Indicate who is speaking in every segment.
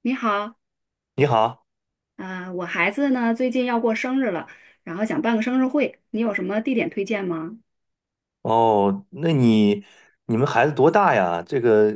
Speaker 1: 你好，
Speaker 2: 你好。
Speaker 1: 我孩子呢最近要过生日了，然后想办个生日会，你有什么地点推荐吗？
Speaker 2: 哦，那你们孩子多大呀？这个，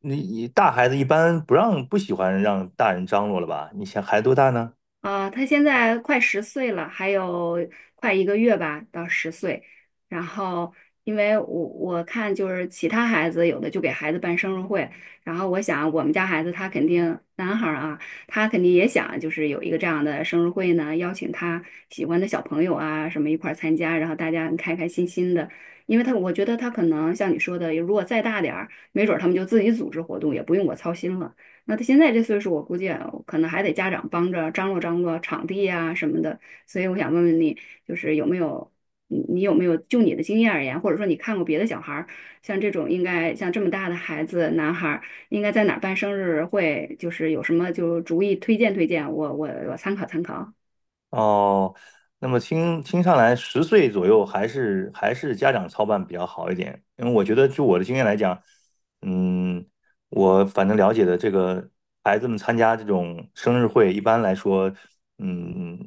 Speaker 2: 你大孩子一般不喜欢让大人张罗了吧？你想孩子多大呢？
Speaker 1: 啊，他现在快十岁了，还有快一个月吧，到十岁。然后，因为我看就是其他孩子有的就给孩子办生日会，然后我想我们家孩子他肯定男孩儿啊，他肯定也想就是有一个这样的生日会呢，邀请他喜欢的小朋友啊什么一块儿参加，然后大家开开心心的。因为他我觉得他可能像你说的，如果再大点儿，没准儿他们就自己组织活动，也不用我操心了。那他现在这岁数，我估计啊可能还得家长帮着张罗张罗场地呀、什么的。所以我想问问你，就是有没有你你有没有就你的经验而言，或者说你看过别的小孩儿，像这种应该像这么大的孩子，男孩儿应该在哪儿办生日会，就是有什么就主意推荐，我参考参考。
Speaker 2: 哦，那么听上来，10岁左右还是家长操办比较好一点，因为我觉得就我的经验来讲。嗯，我反正了解的这个孩子们参加这种生日会，一般来说，嗯，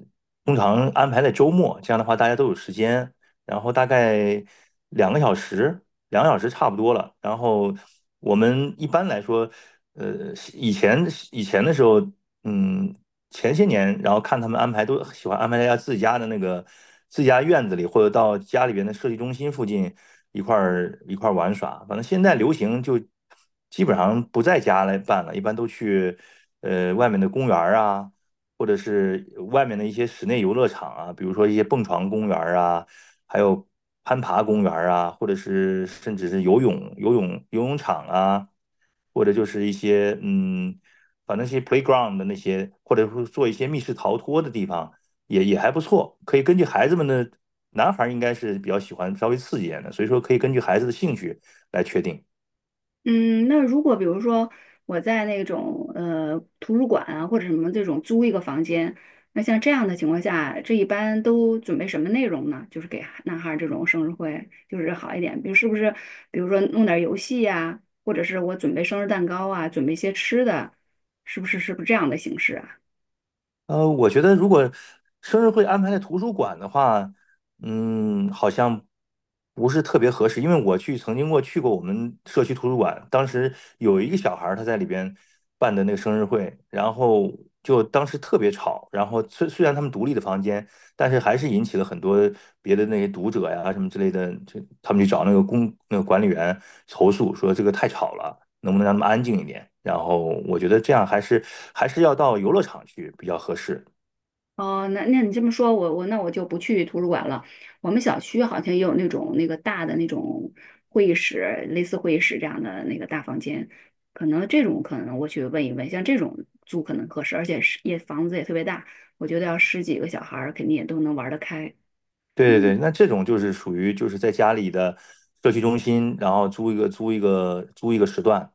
Speaker 2: 通常安排在周末，这样的话大家都有时间，然后大概两个小时，两个小时差不多了。然后我们一般来说，呃，以前以前的时候。嗯。前些年，然后看他们安排都喜欢安排在家自己家的那个自己家院子里，或者到家里边的设计中心附近一块儿玩耍。反正现在流行就基本上不在家来办了，一般都去外面的公园儿啊，或者是外面的一些室内游乐场啊，比如说一些蹦床公园儿啊，还有攀爬公园啊，或者是甚至是游泳场啊，或者就是一些嗯，把那些 playground 的那些，或者说做一些密室逃脱的地方，也还不错，可以根据孩子们的，男孩儿应该是比较喜欢稍微刺激一点的，所以说可以根据孩子的兴趣来确定。
Speaker 1: 嗯，那如果比如说我在那种图书馆啊或者什么这种租一个房间，那像这样的情况下，这一般都准备什么内容呢？就是给男孩儿这种生日会，就是好一点，比如是不是，比如说弄点儿游戏呀、或者是我准备生日蛋糕啊，准备一些吃的，是不是这样的形式啊？
Speaker 2: 我觉得如果生日会安排在图书馆的话，好像不是特别合适，因为曾经过去过我们社区图书馆，当时有一个小孩儿他在里边办的那个生日会，然后就当时特别吵，然后虽然他们独立的房间，但是还是引起了很多别的那些读者呀什么之类的，就他们去找那个管理员投诉说这个太吵了。能不能让他们安静一点？然后我觉得这样还是要到游乐场去比较合适。
Speaker 1: 哦，那那你这么说，我那我就不去图书馆了。我们小区好像也有那种那个大的那种会议室，类似会议室这样的那个大房间，可能这种可能我去问一问，像这种租可能合适，而且是也房子也特别大，我觉得要十几个小孩儿肯定也都能玩得开。
Speaker 2: 对对对，那这种就是属于就是在家里的社区中心，然后租一个时段，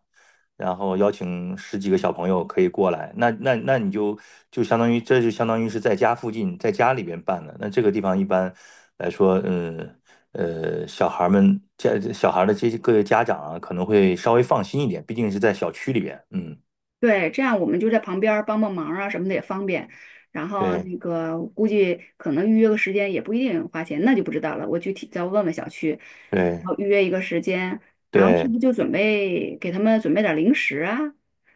Speaker 2: 然后邀请十几个小朋友可以过来。那你就相当于是在家附近，在家里边办的。那这个地方一般来说，小孩的这些各位家长啊，可能会稍微放心一点，毕竟是在小区里边。嗯，
Speaker 1: 对，这样我们就在旁边儿帮帮忙啊什么的也方便。然后
Speaker 2: 对
Speaker 1: 那个估计可能预约个时间也不一定花钱，那就不知道了。我具体再问问小区，然
Speaker 2: 对。
Speaker 1: 后预约一个时间，然后是
Speaker 2: 对，
Speaker 1: 不是就准备给他们准备点儿零食啊？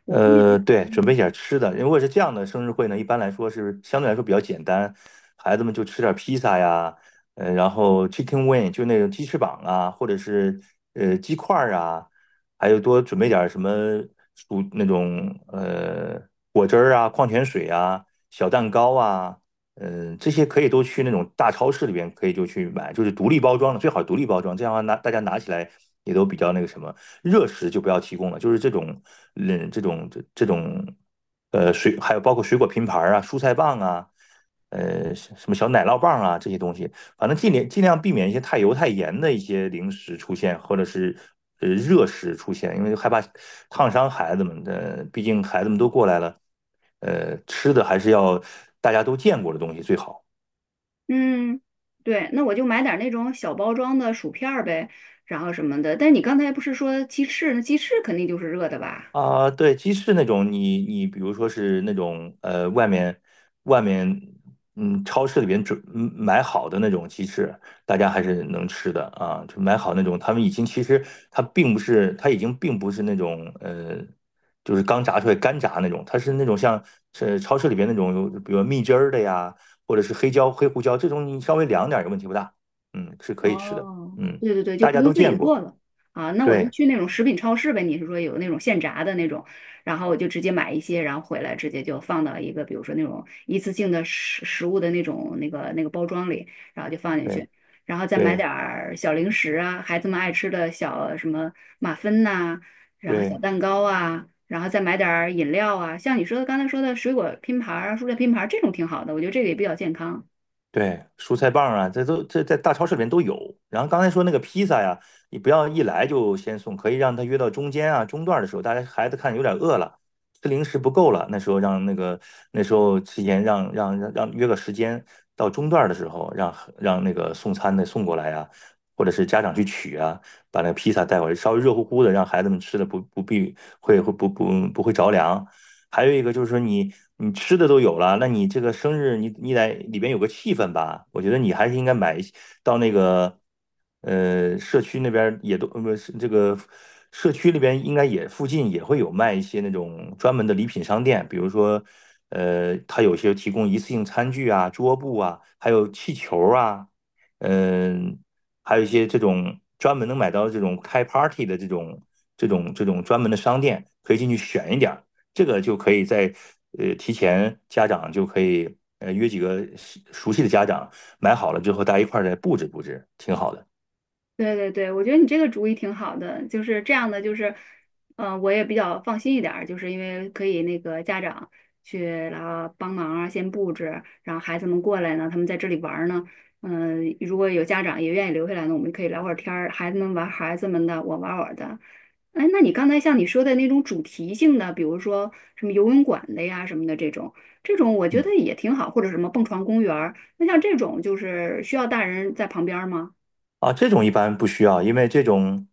Speaker 1: 我估计他，
Speaker 2: 对，准备点儿吃的。如果是这样的生日会呢，一般来说是相对来说比较简单，孩子们就吃点儿披萨呀，然后 chicken wing 就那种鸡翅膀啊，或者是鸡块儿啊，还有多准备点儿什么薯那种呃果汁儿啊、矿泉水啊、小蛋糕啊。这些可以都去那种大超市里边可以就去买，就是独立包装的，最好独立包装，这样的话大家拿起来也都比较那个什么。热食就不要提供了，就是这种嗯这种这这种呃水，还有包括水果拼盘啊、蔬菜棒啊。什么小奶酪棒啊，这些东西，反正尽量避免一些太油太盐的一些零食出现，或者是热食出现，因为害怕烫伤孩子们的，毕竟孩子们都过来了，吃的还是要大家都见过的东西最好。
Speaker 1: 嗯，对，那我就买点儿那种小包装的薯片儿呗，然后什么的。但你刚才不是说鸡翅？那鸡翅肯定就是热的吧？
Speaker 2: 啊，对，鸡翅那种你比如说是那种外面超市里边买好的那种鸡翅，大家还是能吃的啊。就买好那种，他们已经其实它已经并不是那种就是刚炸出来干炸那种，它是那种像是超市里边那种有，比如蜜汁儿的呀，或者是黑胡椒这种，你稍微凉点儿也问题不大。嗯，是可以吃的。
Speaker 1: 哦，
Speaker 2: 嗯，
Speaker 1: 对对对，就
Speaker 2: 大
Speaker 1: 不
Speaker 2: 家
Speaker 1: 用
Speaker 2: 都
Speaker 1: 自己
Speaker 2: 见过。
Speaker 1: 做了啊。那我就
Speaker 2: 对
Speaker 1: 去那种食品超市呗，你是说有那种现炸的那种，然后我就直接买一些，然后回来直接就放到一个，比如说那种一次性的食物的那种那个包装里，然后就放进
Speaker 2: 对
Speaker 1: 去，然后再买
Speaker 2: 对。
Speaker 1: 点儿小零食啊，孩子们爱吃的小什么马芬呐、然后小
Speaker 2: 对
Speaker 1: 蛋糕啊，然后再买点儿饮料啊，像你说的刚才说的水果拼盘儿啊蔬菜拼盘儿这种挺好的，我觉得这个也比较健康。
Speaker 2: 对，蔬菜棒啊，这在大超市里面都有。然后刚才说那个披萨呀，你不要一来就先送，可以让他约到中间啊、中段的时候，大家孩子看有点饿了，吃零食不够了，那时候让那个那时候提前让让让让约个时间，到中段的时候让那个送餐的送过来啊，或者是家长去取啊，把那个披萨带过来，稍微热乎乎的，让孩子们吃的不不必会会不不不会着凉。还有一个就是说你吃的都有了，那你这个生日你得里边有个气氛吧？我觉得你还是应该买一些到那个社区那边也都不是这个社区里边应该也附近也会有卖一些那种专门的礼品商店，比如说它有些提供一次性餐具啊、桌布啊，还有气球啊。嗯、还有一些这种专门能买到这种开 party 的这种专门的商店，可以进去选一点儿。这个就可以在提前，家长就可以约几个熟悉的家长买好了之后，大家一块儿再布置布置，挺好的。
Speaker 1: 对对对，我觉得你这个主意挺好的，就是这样的，就是，呃，我也比较放心一点儿，就是因为可以那个家长去然后帮忙啊，先布置，然后孩子们过来呢，他们在这里玩儿呢，嗯、如果有家长也愿意留下来呢，我们可以聊会儿天儿，孩子们玩孩子们的，我玩我的。哎，那你刚才像你说的那种主题性的，比如说什么游泳馆的呀什么的这种，这种我觉得也挺好，或者什么蹦床公园儿，那像这种就是需要大人在旁边儿吗？
Speaker 2: 啊，这种一般不需要，因为这种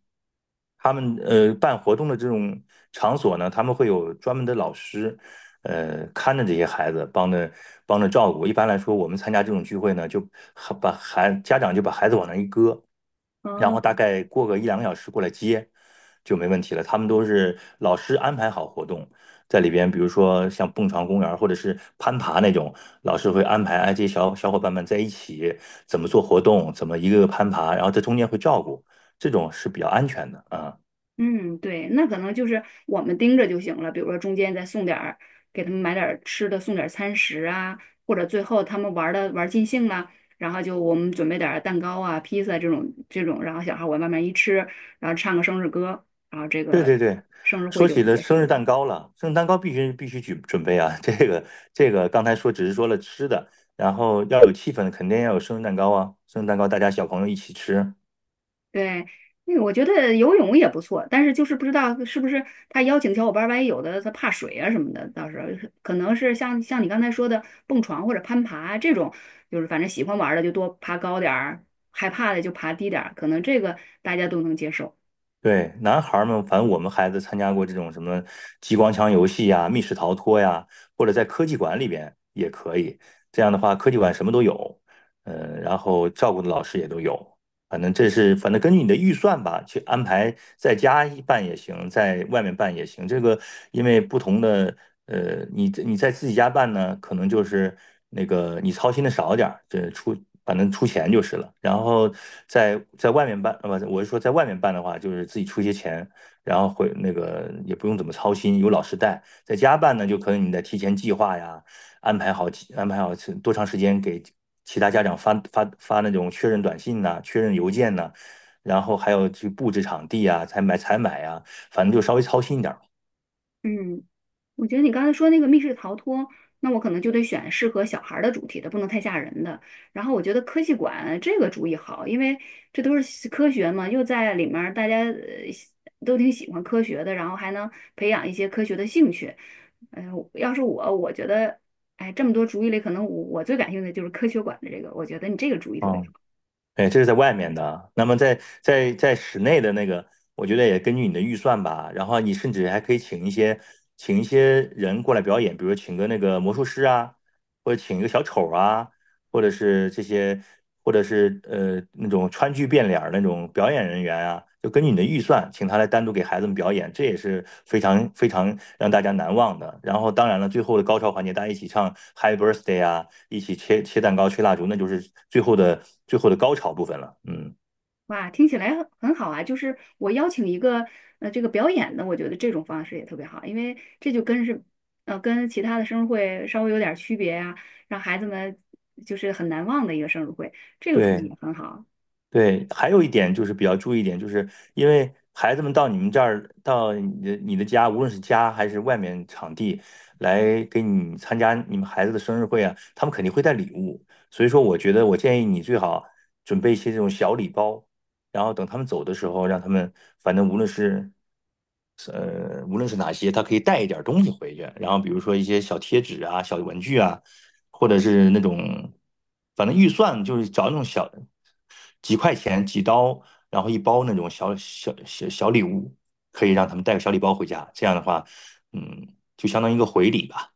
Speaker 2: 他们办活动的这种场所呢，他们会有专门的老师，看着这些孩子，帮着照顾。一般来说，我们参加这种聚会呢，就还家长就把孩子往那一搁，然
Speaker 1: 哦
Speaker 2: 后大概过个一两个小时过来接就没问题了。他们都是老师安排好活动，在里边，比如说像蹦床公园儿或者是攀爬那种，老师会安排哎这些小伙伴们在一起怎么做活动，怎么一个个攀爬，然后在中间会照顾，这种是比较安全的啊。
Speaker 1: 嗯，对，那可能就是我们盯着就行了，比如说中间再送点儿，给他们买点儿吃的，送点儿餐食啊，或者最后他们玩的玩尽兴了，然后就我们准备点儿蛋糕啊、披萨这种这种，然后小孩往外面一吃，然后唱个生日歌，然后这
Speaker 2: 对
Speaker 1: 个
Speaker 2: 对对，
Speaker 1: 生日会
Speaker 2: 说
Speaker 1: 就
Speaker 2: 起
Speaker 1: 不
Speaker 2: 了
Speaker 1: 结
Speaker 2: 生
Speaker 1: 束
Speaker 2: 日
Speaker 1: 了。
Speaker 2: 蛋糕了，生日蛋糕必须准备啊。这个刚才说只是说了吃的，然后要有气氛，肯定要有生日蛋糕啊。生日蛋糕大家小朋友一起吃。
Speaker 1: 对，那个我觉得游泳也不错，但是就是不知道是不是他邀请小伙伴儿，万一有的他怕水啊什么的，到时候可能是像你刚才说的蹦床或者攀爬这种，就是反正喜欢玩儿的就多爬高点儿，害怕的就爬低点儿，可能这个大家都能接受。
Speaker 2: 对，男孩儿们，反正我们孩子参加过这种什么激光枪游戏呀、密室逃脱呀，或者在科技馆里边也可以。这样的话，科技馆什么都有，然后照顾的老师也都有。反正根据你的预算吧，去安排在家一办也行，在外面办也行。这个因为不同的，你在自己家办呢，可能就是那个你操心的少点儿，反正出钱就是了。然后在外面办，不，我是说在外面办的话，就是自己出一些钱，然后会那个也不用怎么操心，有老师带。在家办呢，就可能你得提前计划呀，安排好安排好是多长时间给其他家长发那种确认短信呐、确认邮件呐、然后还有去布置场地啊，采买采买啊，反正就稍微操心一点儿吧。
Speaker 1: 嗯。我觉得你刚才说那个密室逃脱，那我可能就得选适合小孩儿的主题的，不能太吓人的。然后我觉得科技馆这个主意好，因为这都是科学嘛，又在里面儿大家都挺喜欢科学的，然后还能培养一些科学的兴趣。哎、要是我，我觉得，哎，这么多主意里，可能我最感兴趣的就是科学馆的这个，我觉得你这个主意特别
Speaker 2: 嗯，
Speaker 1: 好。
Speaker 2: 哎，这是在外面的啊。那么在室内的那个，我觉得也根据你的预算吧。然后你甚至还可以请一些人过来表演，比如请个那个魔术师啊，或者请一个小丑啊，或者是这些，或者是那种川剧变脸儿那种表演人员啊，就根据你的预算，请他来单独给孩子们表演，这也是非常非常让大家难忘的。然后当然了，最后的高潮环节，大家一起唱 Happy Birthday 啊，一起切切蛋糕、吹蜡烛，那就是最后的最后的高潮部分了。嗯，
Speaker 1: 哇，听起来很好啊！就是我邀请一个这个表演的，我觉得这种方式也特别好，因为这就跟是跟其他的生日会稍微有点儿区别呀、让孩子们就是很难忘的一个生日会，这个主意
Speaker 2: 对。
Speaker 1: 也很好。
Speaker 2: 对，还有一点就是比较注意一点，就是因为孩子们到你们这儿，到你的家，无论是家还是外面场地，来给你参加你们孩子的生日会啊，他们肯定会带礼物。所以说，我觉得我建议你最好准备一些这种小礼包，然后等他们走的时候，让他们反正无论是呃无论是哪些，他可以带一点东西回去，然后比如说一些小贴纸啊、小文具啊，或者是那种，反正预算就是找那种小几块钱几刀，然后一包那种小礼物，可以让他们带个小礼包回家。这样的话，嗯，就相当于一个回礼吧。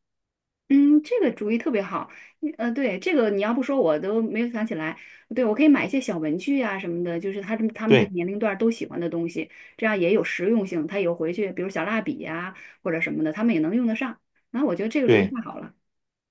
Speaker 1: 嗯，这个主意特别好。你，对，这个你要不说我都没有想起来。对，我可以买一些小文具啊什么的，就是他们这个
Speaker 2: 对
Speaker 1: 年龄段儿都喜欢的东西，这样也有实用性。他有回去，比如小蜡笔呀、或者什么的，他们也能用得上。然后我觉得这个主意
Speaker 2: 对。
Speaker 1: 太好了。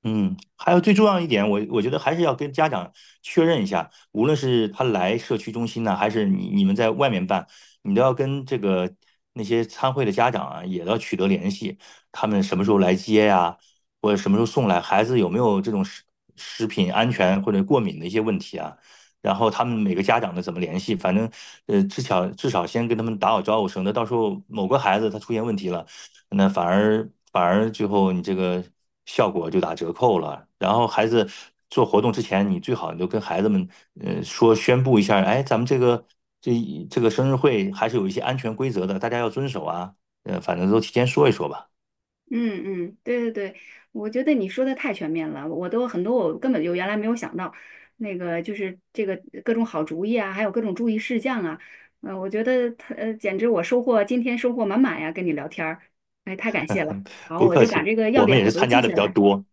Speaker 2: 嗯，还有最重要一点，我觉得还是要跟家长确认一下，无论是他来社区中心呢，还是你们在外面办，你都要跟这个那些参会的家长啊，也要取得联系，他们什么时候来接呀，或者什么时候送来，孩子有没有这种食品安全或者过敏的一些问题啊？然后他们每个家长的怎么联系，反正，至少先跟他们打好招呼，省得到时候某个孩子他出现问题了。那反而最后你这个效果就打折扣了。然后孩子做活动之前，你最好就跟孩子们宣布一下。哎，咱们这这个生日会还是有一些安全规则的，大家要遵守啊。反正都提前说一说吧。
Speaker 1: 嗯嗯，对对对，我觉得你说的太全面了，我都很多我根本就原来没有想到，那个就是这个各种好主意啊，还有各种注意事项啊，嗯，我觉得他简直我收获今天收获满满呀，跟你聊天儿，哎，太感谢了。好，
Speaker 2: 不
Speaker 1: 我
Speaker 2: 客
Speaker 1: 就把
Speaker 2: 气。
Speaker 1: 这个要
Speaker 2: 我们
Speaker 1: 点
Speaker 2: 也
Speaker 1: 我
Speaker 2: 是
Speaker 1: 都
Speaker 2: 参
Speaker 1: 记
Speaker 2: 加的
Speaker 1: 下
Speaker 2: 比较
Speaker 1: 来，
Speaker 2: 多。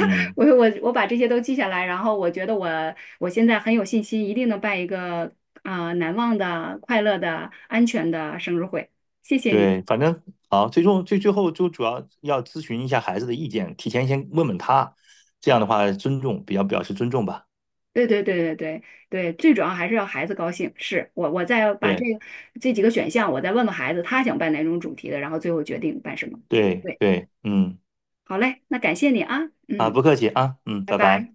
Speaker 1: 我把这些都记下来，然后我觉得我现在很有信心，一定能办一个啊、难忘的、快乐的、安全的生日会。谢谢你。
Speaker 2: 对，反正好，最终最最后就主要要咨询一下孩子的意见，提前先问问他，这样的话比较表示尊重吧。
Speaker 1: 对对对对对对，最主要还是要孩子高兴。是我，我再把这
Speaker 2: 对
Speaker 1: 个这几个选项，我再问问孩子，他想办哪种主题的，然后最后决定办什么。
Speaker 2: 对
Speaker 1: 对，
Speaker 2: 对。嗯。
Speaker 1: 好嘞，那感谢你啊，
Speaker 2: 啊，
Speaker 1: 嗯，
Speaker 2: 不客气啊。嗯，
Speaker 1: 拜
Speaker 2: 拜
Speaker 1: 拜。
Speaker 2: 拜。